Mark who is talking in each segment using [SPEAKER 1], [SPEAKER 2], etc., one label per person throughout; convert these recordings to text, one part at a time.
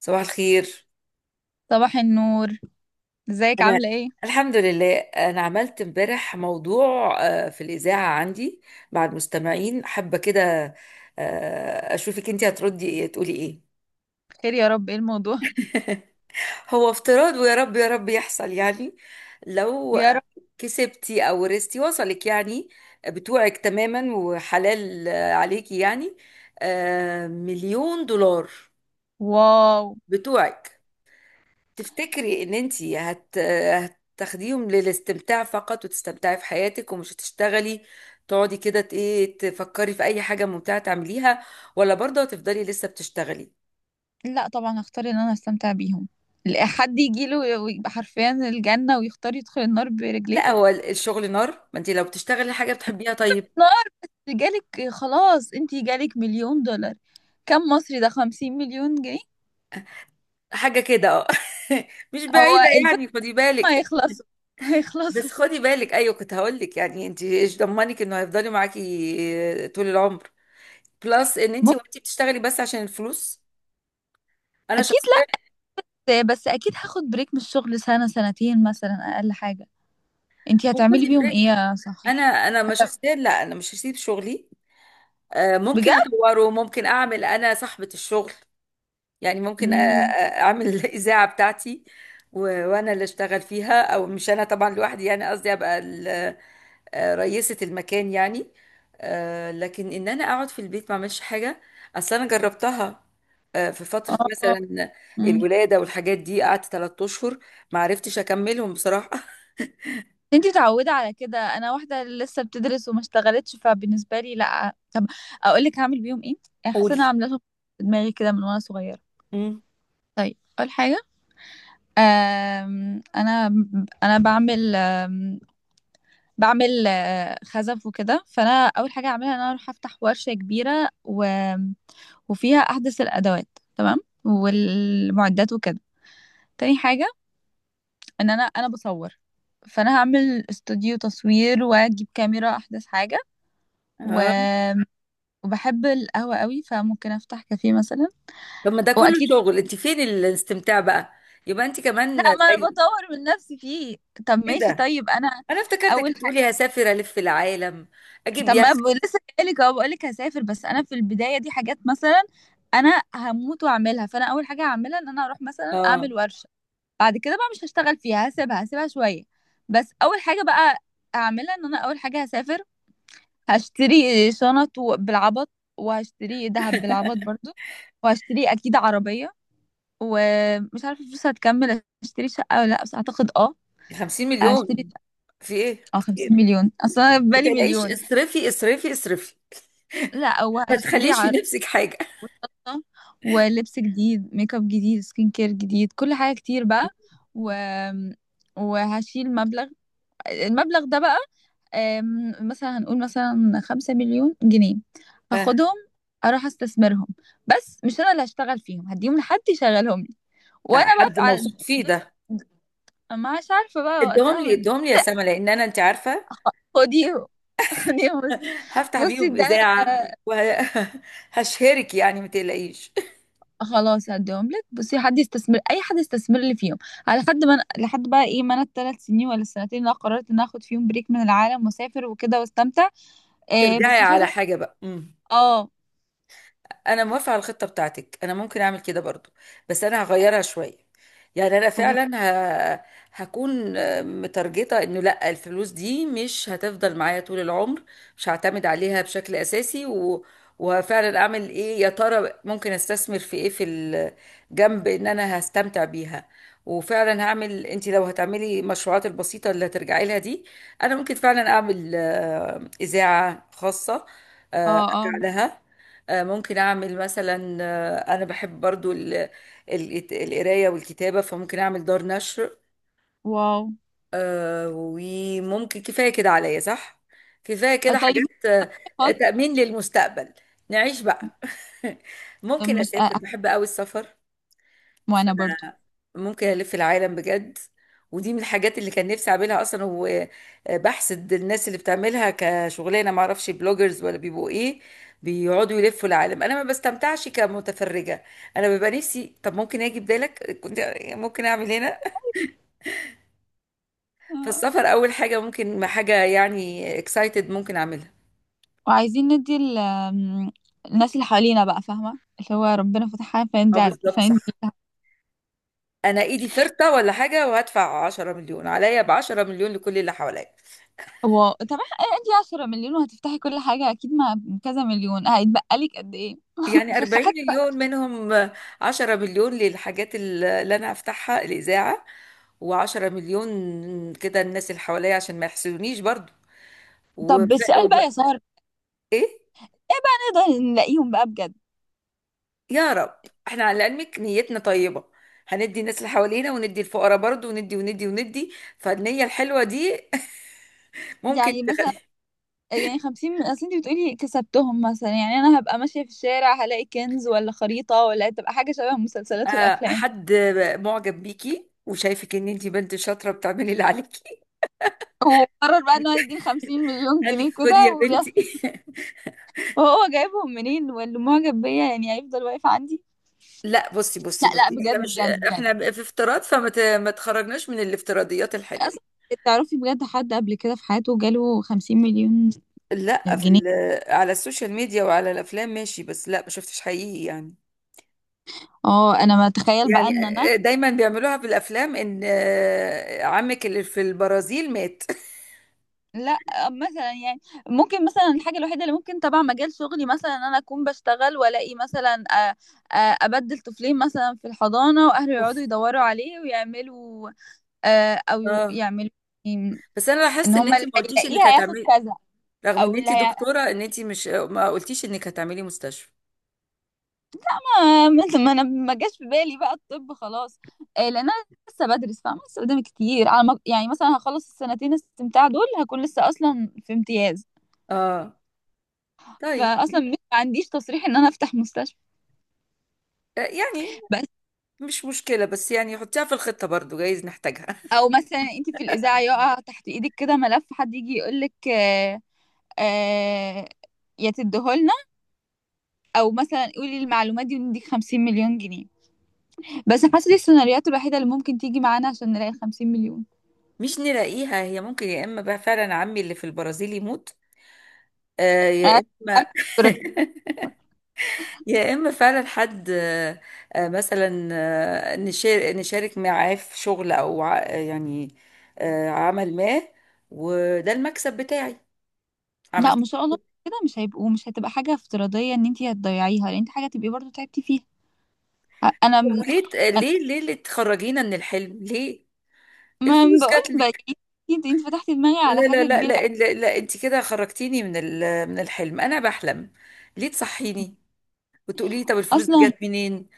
[SPEAKER 1] صباح الخير.
[SPEAKER 2] صباح النور. ازيك،
[SPEAKER 1] انا
[SPEAKER 2] عاملة ايه؟
[SPEAKER 1] الحمد لله، انا عملت امبارح موضوع في الاذاعه عندي مع المستمعين، حابه كده. اشوفك انت هتردي ايه، تقولي ايه؟
[SPEAKER 2] خير يا رب، ايه الموضوع؟
[SPEAKER 1] هو افتراض، ويا رب يا رب يحصل يعني. لو
[SPEAKER 2] يا رب.
[SPEAKER 1] كسبتي او ورثتي وصلك يعني، بتوعك تماما وحلال عليكي يعني، مليون دولار
[SPEAKER 2] واو.
[SPEAKER 1] بتوعك. تفتكري ان انتي هتاخديهم للاستمتاع فقط وتستمتعي في حياتك ومش هتشتغلي، تقعدي كده ايه تفكري في اي حاجة ممتعة تعمليها، ولا برضه هتفضلي لسه بتشتغلي؟
[SPEAKER 2] لا، طبعا هختار ان انا استمتع بيهم. لا حد يجيله ويبقى حرفيا الجنة ويختار يدخل النار برجليه.
[SPEAKER 1] لا، هو الشغل نار. ما انتي لو بتشتغلي حاجة بتحبيها طيب.
[SPEAKER 2] نار. جالك خلاص، انتي جالك مليون دولار. كم مصري؟ ده 50 مليون جنيه.
[SPEAKER 1] حاجة كده اه. مش
[SPEAKER 2] هو
[SPEAKER 1] بعيدة
[SPEAKER 2] الفكرة،
[SPEAKER 1] يعني، خدي
[SPEAKER 2] ما
[SPEAKER 1] بالك.
[SPEAKER 2] هيخلصوا.
[SPEAKER 1] بس
[SPEAKER 2] هيخلصوا.
[SPEAKER 1] خدي بالك، ايوه كنت هقول لك. يعني انتي ايش ضمنك انه هيفضلي معاكي طول العمر؟ بلس ان
[SPEAKER 2] مم-
[SPEAKER 1] انتي وانتي بتشتغلي بس عشان الفلوس. انا
[SPEAKER 2] اكيد.
[SPEAKER 1] شخصيا.
[SPEAKER 2] لا، بس اكيد هاخد بريك من الشغل سنة، سنتين مثلا، اقل حاجة. انتي هتعملي
[SPEAKER 1] وخدي
[SPEAKER 2] بيهم ايه
[SPEAKER 1] بريك.
[SPEAKER 2] يا
[SPEAKER 1] انا
[SPEAKER 2] سحر؟
[SPEAKER 1] انا ما
[SPEAKER 2] هت-
[SPEAKER 1] شخصيا، لا انا مش هسيب شغلي. ممكن
[SPEAKER 2] بجد؟
[SPEAKER 1] اطوره، ممكن اعمل انا صاحبة الشغل. يعني ممكن
[SPEAKER 2] مم.
[SPEAKER 1] اعمل الاذاعة بتاعتي و- وانا اللي اشتغل فيها. او مش انا طبعا لوحدي، يعني قصدي ابقى رئيسة المكان يعني. لكن ان انا اقعد في البيت ما اعملش حاجة، اصل انا جربتها في فترة
[SPEAKER 2] اه.
[SPEAKER 1] مثلا الولادة والحاجات دي، قعدت 3 اشهر ما عرفتش اكملهم بصراحة.
[SPEAKER 2] انتي متعودة على كده. انا واحدة لسه بتدرس وما اشتغلتش، فبالنسبة لي لا. طب اقول لك هعمل بيهم ايه. يعني حاسة
[SPEAKER 1] قولي.
[SPEAKER 2] انا عاملاهم في دماغي كده من وانا صغيرة.
[SPEAKER 1] مم.
[SPEAKER 2] طيب، اول حاجة، آم، انا انا بعمل بعمل خزف وكده. فانا اول حاجة هعملها ان انا اروح افتح ورشة كبيرة وفيها احدث الادوات. تمام. والمعدات وكده. تاني حاجة، ان انا بصور. فانا هعمل استوديو تصوير واجيب كاميرا احدث حاجة. و وبحب القهوة قوي، فممكن افتح كافيه مثلا.
[SPEAKER 1] طب ما ده كله
[SPEAKER 2] واكيد.
[SPEAKER 1] شغل، انت فين الاستمتاع بقى؟ يبقى انت
[SPEAKER 2] لا،
[SPEAKER 1] كمان
[SPEAKER 2] ما انا
[SPEAKER 1] زي
[SPEAKER 2] بطور من نفسي فيه. طب ماشي.
[SPEAKER 1] كده.
[SPEAKER 2] طيب انا
[SPEAKER 1] انا افتكرتك
[SPEAKER 2] اول حاجة.
[SPEAKER 1] بتقولي هسافر الف العالم، اجيب
[SPEAKER 2] طب ما
[SPEAKER 1] يخت.
[SPEAKER 2] لسه جايلك اهو. بقولك هسافر، بس انا في البداية دي حاجات مثلا انا هموت واعملها، فانا اول حاجة هعملها ان انا اروح مثلا
[SPEAKER 1] اه.
[SPEAKER 2] اعمل ورشة. بعد كده بقى مش هشتغل فيها، هسيبها شوية. بس اول حاجة بقى هعملها ان انا، اول حاجة، هسافر. هشتري شنط بالعبط. وهشتري دهب بالعبط برضو. وهشتري اكيد عربية. ومش عارفه الفلوس هتكمل اشتري شقه ولا لا، بس اعتقد اه
[SPEAKER 1] 50
[SPEAKER 2] هشتري
[SPEAKER 1] مليون،
[SPEAKER 2] شقة.
[SPEAKER 1] في ايه
[SPEAKER 2] اه، 50
[SPEAKER 1] كتير.
[SPEAKER 2] مليون. اصل انا في
[SPEAKER 1] ما
[SPEAKER 2] بالي
[SPEAKER 1] تقلقيش،
[SPEAKER 2] مليون.
[SPEAKER 1] اصرفي اصرفي اصرفي،
[SPEAKER 2] لا، او
[SPEAKER 1] ما
[SPEAKER 2] هشتري
[SPEAKER 1] تخليش في
[SPEAKER 2] عرض
[SPEAKER 1] نفسك حاجه.
[SPEAKER 2] وشنطة ولبس جديد، ميك اب جديد، سكين كير جديد، كل حاجه كتير بقى. و وهشيل مبلغ. المبلغ ده بقى، مثلا هنقول مثلا 5 مليون جنيه.
[SPEAKER 1] آه،
[SPEAKER 2] هاخدهم، اروح استثمرهم، بس مش انا اللي هشتغل فيهم. هديهم لحد يشغلهم لي وانا
[SPEAKER 1] حد
[SPEAKER 2] بقى على،
[SPEAKER 1] موثوق فيه ده.
[SPEAKER 2] ما مش عارفة بقى
[SPEAKER 1] ادهم لي
[SPEAKER 2] وقتها.
[SPEAKER 1] ادهم لي يا سما، لان انا انت عارفه
[SPEAKER 2] خ- خديهم، خديهم بس.
[SPEAKER 1] هفتح
[SPEAKER 2] بصي
[SPEAKER 1] بيهم
[SPEAKER 2] ده،
[SPEAKER 1] اذاعه وهشهرك، يعني ما تقلقيش.
[SPEAKER 2] خلاص هديهم لك. بصي، حد يستثمر، اي حد يستثمر لي فيهم، على حد ما لحد بقى ايه، ما انا الثلاث سنين ولا السنتين اللي أنا قررت ان أنا اخد فيهم بريك من العالم واسافر وكده واستمتع. إيه،
[SPEAKER 1] ترجعي
[SPEAKER 2] بس مش
[SPEAKER 1] على
[SPEAKER 2] عايزه.
[SPEAKER 1] حاجه بقى. مم.
[SPEAKER 2] اه.
[SPEAKER 1] انا موافقه على الخطه بتاعتك، انا ممكن اعمل كده برضو، بس انا هغيرها شويه. يعني انا
[SPEAKER 2] ولاد.
[SPEAKER 1] فعلا ه... هكون مترجطه انه لا، الفلوس دي مش هتفضل معايا طول العمر، مش هعتمد عليها بشكل اساسي. وفعلا اعمل ايه يا ترى، ممكن استثمر في ايه، في الجنب ان انا هستمتع بيها. وفعلا هعمل. انت لو هتعملي المشروعات البسيطه اللي هترجعي لها دي، انا ممكن فعلا اعمل اذاعه خاصه،
[SPEAKER 2] اه، اه.
[SPEAKER 1] ارجع لها. ممكن اعمل مثلا، انا بحب برضو القرايه والكتابه، فممكن اعمل دار نشر.
[SPEAKER 2] واو.
[SPEAKER 1] وممكن كفايه كده عليا، صح؟ كفايه كده
[SPEAKER 2] طيب
[SPEAKER 1] حاجات.
[SPEAKER 2] خالص.
[SPEAKER 1] تأمين للمستقبل، نعيش بقى. ممكن
[SPEAKER 2] مش
[SPEAKER 1] اسافر، بحب قوي السفر،
[SPEAKER 2] وانا برضو
[SPEAKER 1] ممكن ألف العالم بجد. ودي من الحاجات اللي كان نفسي أعملها أصلا، وبحسد الناس اللي بتعملها كشغلانة، معرفش بلوجرز ولا بيبقوا إيه، بيقعدوا يلفوا العالم. أنا ما بستمتعش كمتفرجة، أنا ببقى نفسي طب ممكن أجي بدالك، كنت ممكن أعمل هنا.
[SPEAKER 2] آه.
[SPEAKER 1] فالسفر أول حاجة، ممكن حاجة يعني اكسايتد ممكن أعملها.
[SPEAKER 2] وعايزين ندي الناس اللي حوالينا بقى، فاهمه، اللي هو ربنا فتحها،
[SPEAKER 1] أه،
[SPEAKER 2] فندي
[SPEAKER 1] بالظبط،
[SPEAKER 2] فندي
[SPEAKER 1] صح. أنا إيدي فرطة ولا حاجة، وهدفع 10 مليون عليا، ب 10 مليون لكل اللي حواليا.
[SPEAKER 2] طب ادي 10 مليون وهتفتحي كل حاجة، اكيد مع كذا مليون هيتبقى لك قد ايه
[SPEAKER 1] يعني
[SPEAKER 2] في
[SPEAKER 1] 40
[SPEAKER 2] حاجة بقى.
[SPEAKER 1] مليون منهم، 10 مليون للحاجات اللي انا هفتحها الاذاعه، و10 مليون كده الناس اللي حواليا عشان ما يحسدونيش برضو. وف...
[SPEAKER 2] طب السؤال
[SPEAKER 1] وب...
[SPEAKER 2] بقى يا سهر،
[SPEAKER 1] ايه،
[SPEAKER 2] ايه بقى نقدر نلاقيهم بقى بجد؟
[SPEAKER 1] يا رب احنا على علمك نيتنا طيبه، هندي الناس اللي حوالينا وندي الفقراء برضو، وندي وندي وندي، فالنيه الحلوه دي. ممكن
[SPEAKER 2] يعني مثلا،
[SPEAKER 1] تخلي
[SPEAKER 2] يعني 50، اصل انت بتقولي كسبتهم مثلا، يعني انا هبقى ماشية في الشارع هلاقي كنز ولا خريطة، ولا تبقى حاجة شبه المسلسلات والافلام
[SPEAKER 1] حد معجب بيكي وشايفك ان انتي بنت شاطره بتعملي اللي عليكي،
[SPEAKER 2] وقرر بقى ان هو يديني 50 مليون
[SPEAKER 1] قال لك
[SPEAKER 2] جنيه
[SPEAKER 1] خدي يا
[SPEAKER 2] كده ويس.
[SPEAKER 1] بنتي.
[SPEAKER 2] وهو جايبهم منين؟ واللي معجب بيا يعني هيفضل واقف عندي؟
[SPEAKER 1] لا، بصي بصي
[SPEAKER 2] لا لا،
[SPEAKER 1] بصي، احنا
[SPEAKER 2] بجد
[SPEAKER 1] مش،
[SPEAKER 2] بجد بجد.
[SPEAKER 1] احنا في افتراض، فما ما تخرجناش من الافتراضيات الحلوه.
[SPEAKER 2] تعرفي، بجد، حد قبل كده في حياته جاله 50 مليون
[SPEAKER 1] لا، في
[SPEAKER 2] جنيه؟
[SPEAKER 1] على السوشيال ميديا وعلى الافلام ماشي، بس لا ما شفتش حقيقي يعني.
[SPEAKER 2] اه، انا ما اتخيل بقى
[SPEAKER 1] يعني
[SPEAKER 2] ان انا.
[SPEAKER 1] دايما بيعملوها في الافلام، ان عمك اللي في البرازيل مات.
[SPEAKER 2] لا، مثلا يعني، ممكن مثلا الحاجه الوحيده اللي ممكن تبع مجال شغلي مثلا ان انا اكون بشتغل والاقي مثلا ابدل طفلين مثلا في الحضانه واهله يقعدوا يدوروا عليه ويعملوا او
[SPEAKER 1] اه،
[SPEAKER 2] يعملوا إيه،
[SPEAKER 1] بس انا
[SPEAKER 2] ان
[SPEAKER 1] لاحظت ان
[SPEAKER 2] هما
[SPEAKER 1] انت
[SPEAKER 2] اللي
[SPEAKER 1] ما قلتيش
[SPEAKER 2] هيلاقيه
[SPEAKER 1] انك
[SPEAKER 2] هياخد
[SPEAKER 1] هتعملي،
[SPEAKER 2] كذا.
[SPEAKER 1] رغم ان
[SPEAKER 2] او
[SPEAKER 1] انت
[SPEAKER 2] اللي هي،
[SPEAKER 1] دكتوره ان انت مش، ما قلتيش انك هتعملي مستشفى.
[SPEAKER 2] ما انا ما جاش في بالي بقى الطب خلاص. لان انا لسه بدرس، فاهمه، لسه قدامي كتير على ما يعني مثلا هخلص السنتين استمتاع دول هكون لسه اصلا في امتياز،
[SPEAKER 1] اه طيب.
[SPEAKER 2] فاصلا مش ما عنديش تصريح ان انا افتح مستشفى.
[SPEAKER 1] يعني
[SPEAKER 2] بس
[SPEAKER 1] مش مشكله، بس يعني حطيها في الخطه برضو جايز نحتاجها.
[SPEAKER 2] او مثلا انت في الاذاعه يقع تحت ايدك كده ملف، حد يجي يقول لك آه، يا تديهولنا، او مثلا قولي المعلومات دي ونديك 50 مليون جنيه. بس حاسه دي السيناريوهات الوحيده اللي ممكن تيجي معانا عشان نلاقي 50 مليون.
[SPEAKER 1] مش نلاقيها هي. ممكن يا اما بقى فعلا عمي اللي في البرازيل يموت، آه، يا
[SPEAKER 2] أنا
[SPEAKER 1] اما
[SPEAKER 2] أم-
[SPEAKER 1] يا اما فعلا حد مثلا نشارك معاه في شغل، او يعني عمل ما، وده المكسب بتاعي
[SPEAKER 2] لا، ما
[SPEAKER 1] عملت.
[SPEAKER 2] شاء الله. كده مش هيبقوا، مش هتبقى حاجه افتراضيه ان انت هتضيعيها لان انت حاجه تبقي برضو تعبتي فيها. انا
[SPEAKER 1] ليه
[SPEAKER 2] أنا-
[SPEAKER 1] ليه ليه اللي تخرجينا من الحلم؟ ليه؟
[SPEAKER 2] ما
[SPEAKER 1] الفلوس
[SPEAKER 2] بقول
[SPEAKER 1] جات
[SPEAKER 2] بقى.
[SPEAKER 1] لك.
[SPEAKER 2] انت فتحتي دماغي على
[SPEAKER 1] لا لا
[SPEAKER 2] حاجه
[SPEAKER 1] لا
[SPEAKER 2] كبيره
[SPEAKER 1] لا لا, لا انت كده خرجتيني من من الحلم، انا بحلم، ليه تصحيني وتقولي لي طب الفلوس دي
[SPEAKER 2] اصلا.
[SPEAKER 1] جت منين؟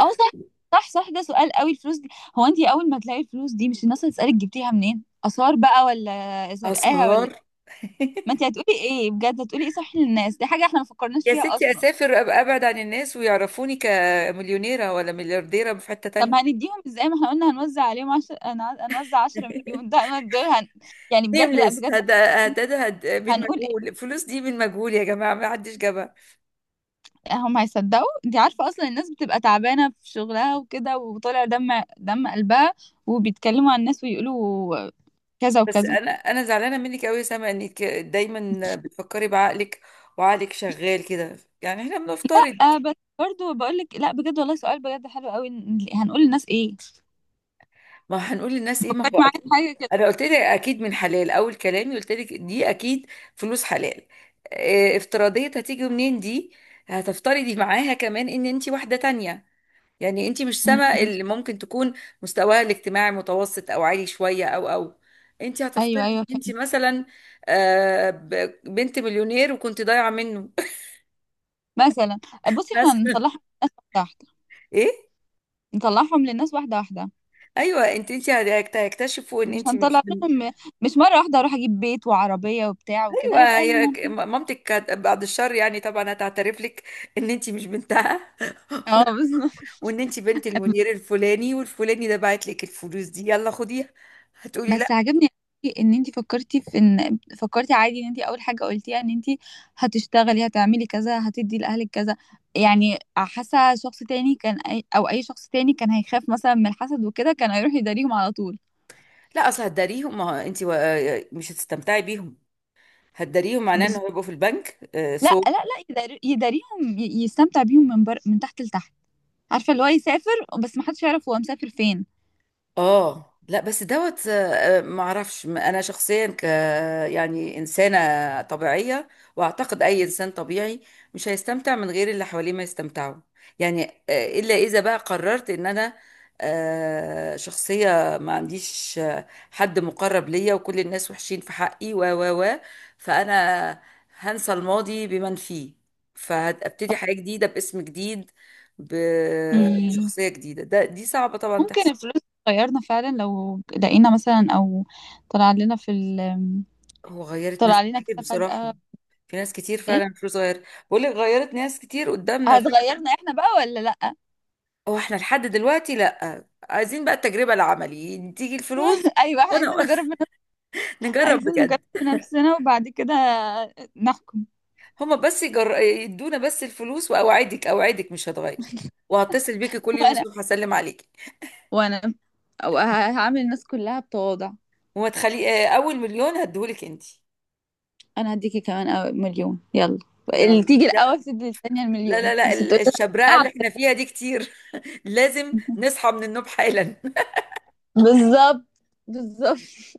[SPEAKER 2] اه، صح. صح صح، ده سؤال قوي، الفلوس دي. هو انت اول ما تلاقي الفلوس دي، مش الناس هتسألك جبتيها منين؟ اثار بقى ولا سرقاها ولا؟
[SPEAKER 1] أسهر.
[SPEAKER 2] ما انت هتقولي ايه بجد، هتقولي ايه؟ صح، للناس دي حاجة احنا ما فكرناش
[SPEAKER 1] يا
[SPEAKER 2] فيها
[SPEAKER 1] ستي
[SPEAKER 2] اصلا.
[SPEAKER 1] أسافر أبقى أبعد عن الناس، ويعرفوني كمليونيرة ولا مليارديرة في حتة
[SPEAKER 2] طب
[SPEAKER 1] تانية.
[SPEAKER 2] هنديهم ازاي ما احنا قلنا هنوزع عليهم عشر، هنوزع 10 مليون، ده أنا دول يعني بجد، لا
[SPEAKER 1] نيمليس
[SPEAKER 2] بجد
[SPEAKER 1] هد هد هد من
[SPEAKER 2] هنقول ايه؟
[SPEAKER 1] مجهول، الفلوس دي من مجهول يا جماعة، ما حدش جابها.
[SPEAKER 2] هم هيصدقوا؟ انت عارفة اصلا الناس بتبقى تعبانة في شغلها وكده وطالع دم دم قلبها، وبيتكلموا عن الناس ويقولوا كذا
[SPEAKER 1] بس
[SPEAKER 2] وكذا.
[SPEAKER 1] أنا زعلانة منك أوي يا سما، إنك دايما بتفكري بعقلك، وعقلك شغال كده. يعني إحنا بنفترض،
[SPEAKER 2] أه بس برضه بقول لك، لا بجد، والله سؤال بجد حلو قوي. هنقول للناس ايه؟
[SPEAKER 1] ما هنقول للناس ايه؟ ما
[SPEAKER 2] فكري
[SPEAKER 1] هو
[SPEAKER 2] معايا في
[SPEAKER 1] اكيد
[SPEAKER 2] حاجه كده.
[SPEAKER 1] انا قلت لك، اكيد من حلال. اول كلامي قلت لك دي اكيد فلوس حلال، افتراضية هتيجي منين دي. هتفترضي معاها كمان ان انت واحدة تانية. يعني انت مش
[SPEAKER 2] م-
[SPEAKER 1] سما
[SPEAKER 2] م.
[SPEAKER 1] اللي ممكن تكون مستواها الاجتماعي متوسط او عالي شوية، او انت
[SPEAKER 2] ايوه،
[SPEAKER 1] هتفترضي ان
[SPEAKER 2] ايوه،
[SPEAKER 1] انت
[SPEAKER 2] فهمت.
[SPEAKER 1] مثلا بنت مليونير وكنت ضايعة منه.
[SPEAKER 2] مثلا، بصي احنا نطلعهم
[SPEAKER 1] مثلا
[SPEAKER 2] للناس واحده واحده،
[SPEAKER 1] ايه.
[SPEAKER 2] نطلعهم للناس واحده واحده.
[SPEAKER 1] ايوه، انت هتكتشفوا ان
[SPEAKER 2] مش
[SPEAKER 1] انت مش
[SPEAKER 2] هنطلع
[SPEAKER 1] من.
[SPEAKER 2] لهم مش مره واحده اروح اجيب بيت وعربيه وبتاع وكده،
[SPEAKER 1] ايوه،
[SPEAKER 2] هيبقى الموضوع.
[SPEAKER 1] مامتك كانت بعد الشر، يعني طبعا هتعترف لك ان انت مش بنتها.
[SPEAKER 2] اه، بالظبط.
[SPEAKER 1] وان انت بنت المدير الفلاني والفلاني ده بعت لك الفلوس دي يلا خديها، هتقولي لا.
[SPEAKER 2] بس عجبني أوي ان انت فكرتي في ان فكرتي عادي ان انت اول حاجه قلتيها ان انت هتشتغلي، هتعملي كذا، هتدي لاهلك كذا. يعني حاسه شخص تاني كان او اي شخص تاني كان هيخاف مثلا من الحسد وكده، كان هيروح يداريهم على طول.
[SPEAKER 1] لا، اصل هتداريهم، ما هو انت مش هتستمتعي بيهم. هتداريهم معناه ان
[SPEAKER 2] بز...
[SPEAKER 1] هو يبقوا في البنك.
[SPEAKER 2] لا
[SPEAKER 1] سو.
[SPEAKER 2] لا لا، يداريهم يستمتع بيهم من من تحت لتحت. عارفه، اللي هو يسافر، بس ما حدش يعرف هو مسافر فين.
[SPEAKER 1] اه لا، بس دوت، ما اعرفش انا شخصيا يعني انسانه طبيعيه. واعتقد اي انسان طبيعي مش هيستمتع من غير اللي حواليه ما يستمتعوا. يعني الا اذا بقى قررت ان انا شخصيه ما عنديش حد مقرب ليا وكل الناس وحشين في حقي و فانا. هنسى الماضي بمن فيه، فهبتدي حياه جديده باسم جديد،
[SPEAKER 2] مم.
[SPEAKER 1] بشخصيه جديده. ده دي صعبه طبعا
[SPEAKER 2] ممكن
[SPEAKER 1] تحصل.
[SPEAKER 2] الفلوس تغيرنا فعلا لو لقينا مثلا، او طلع لنا في
[SPEAKER 1] هو غيرت ناس
[SPEAKER 2] طلع لنا
[SPEAKER 1] كتير
[SPEAKER 2] كده
[SPEAKER 1] بصراحة.
[SPEAKER 2] فجأة.
[SPEAKER 1] في ناس كتير
[SPEAKER 2] ايه،
[SPEAKER 1] فعلا فلوس، غير بقول لك غيرت ناس كتير قدامنا فعلا.
[SPEAKER 2] هتغيرنا احنا بقى ولا لا؟
[SPEAKER 1] هو احنا لحد دلوقتي لا، عايزين بقى التجربة العملي تيجي الفلوس.
[SPEAKER 2] ايوه، احنا
[SPEAKER 1] وانا
[SPEAKER 2] عايزين نجرب
[SPEAKER 1] نجرب
[SPEAKER 2] عايزين
[SPEAKER 1] بجد.
[SPEAKER 2] نجرب بنفسنا وبعد كده نحكم.
[SPEAKER 1] هما بس يدونا بس الفلوس، واوعدك اوعدك مش هتغير. وهتصل بيكي كل يوم
[SPEAKER 2] وانا
[SPEAKER 1] الصبح هسلم عليكي.
[SPEAKER 2] وانا أو هعامل الناس كلها بتواضع.
[SPEAKER 1] وما تخلي اول مليون هديهولك انت.
[SPEAKER 2] انا هديكي كمان أو مليون. يلا، اللي
[SPEAKER 1] يلا
[SPEAKER 2] تيجي
[SPEAKER 1] لا
[SPEAKER 2] الاول تدي الثانيه
[SPEAKER 1] لا
[SPEAKER 2] المليون،
[SPEAKER 1] لا لا،
[SPEAKER 2] بس تقولي
[SPEAKER 1] الشبرقة اللي
[SPEAKER 2] لا.
[SPEAKER 1] احنا فيها دي كتير، لازم نصحى من النوم حالا.
[SPEAKER 2] بالظبط. بالظبط.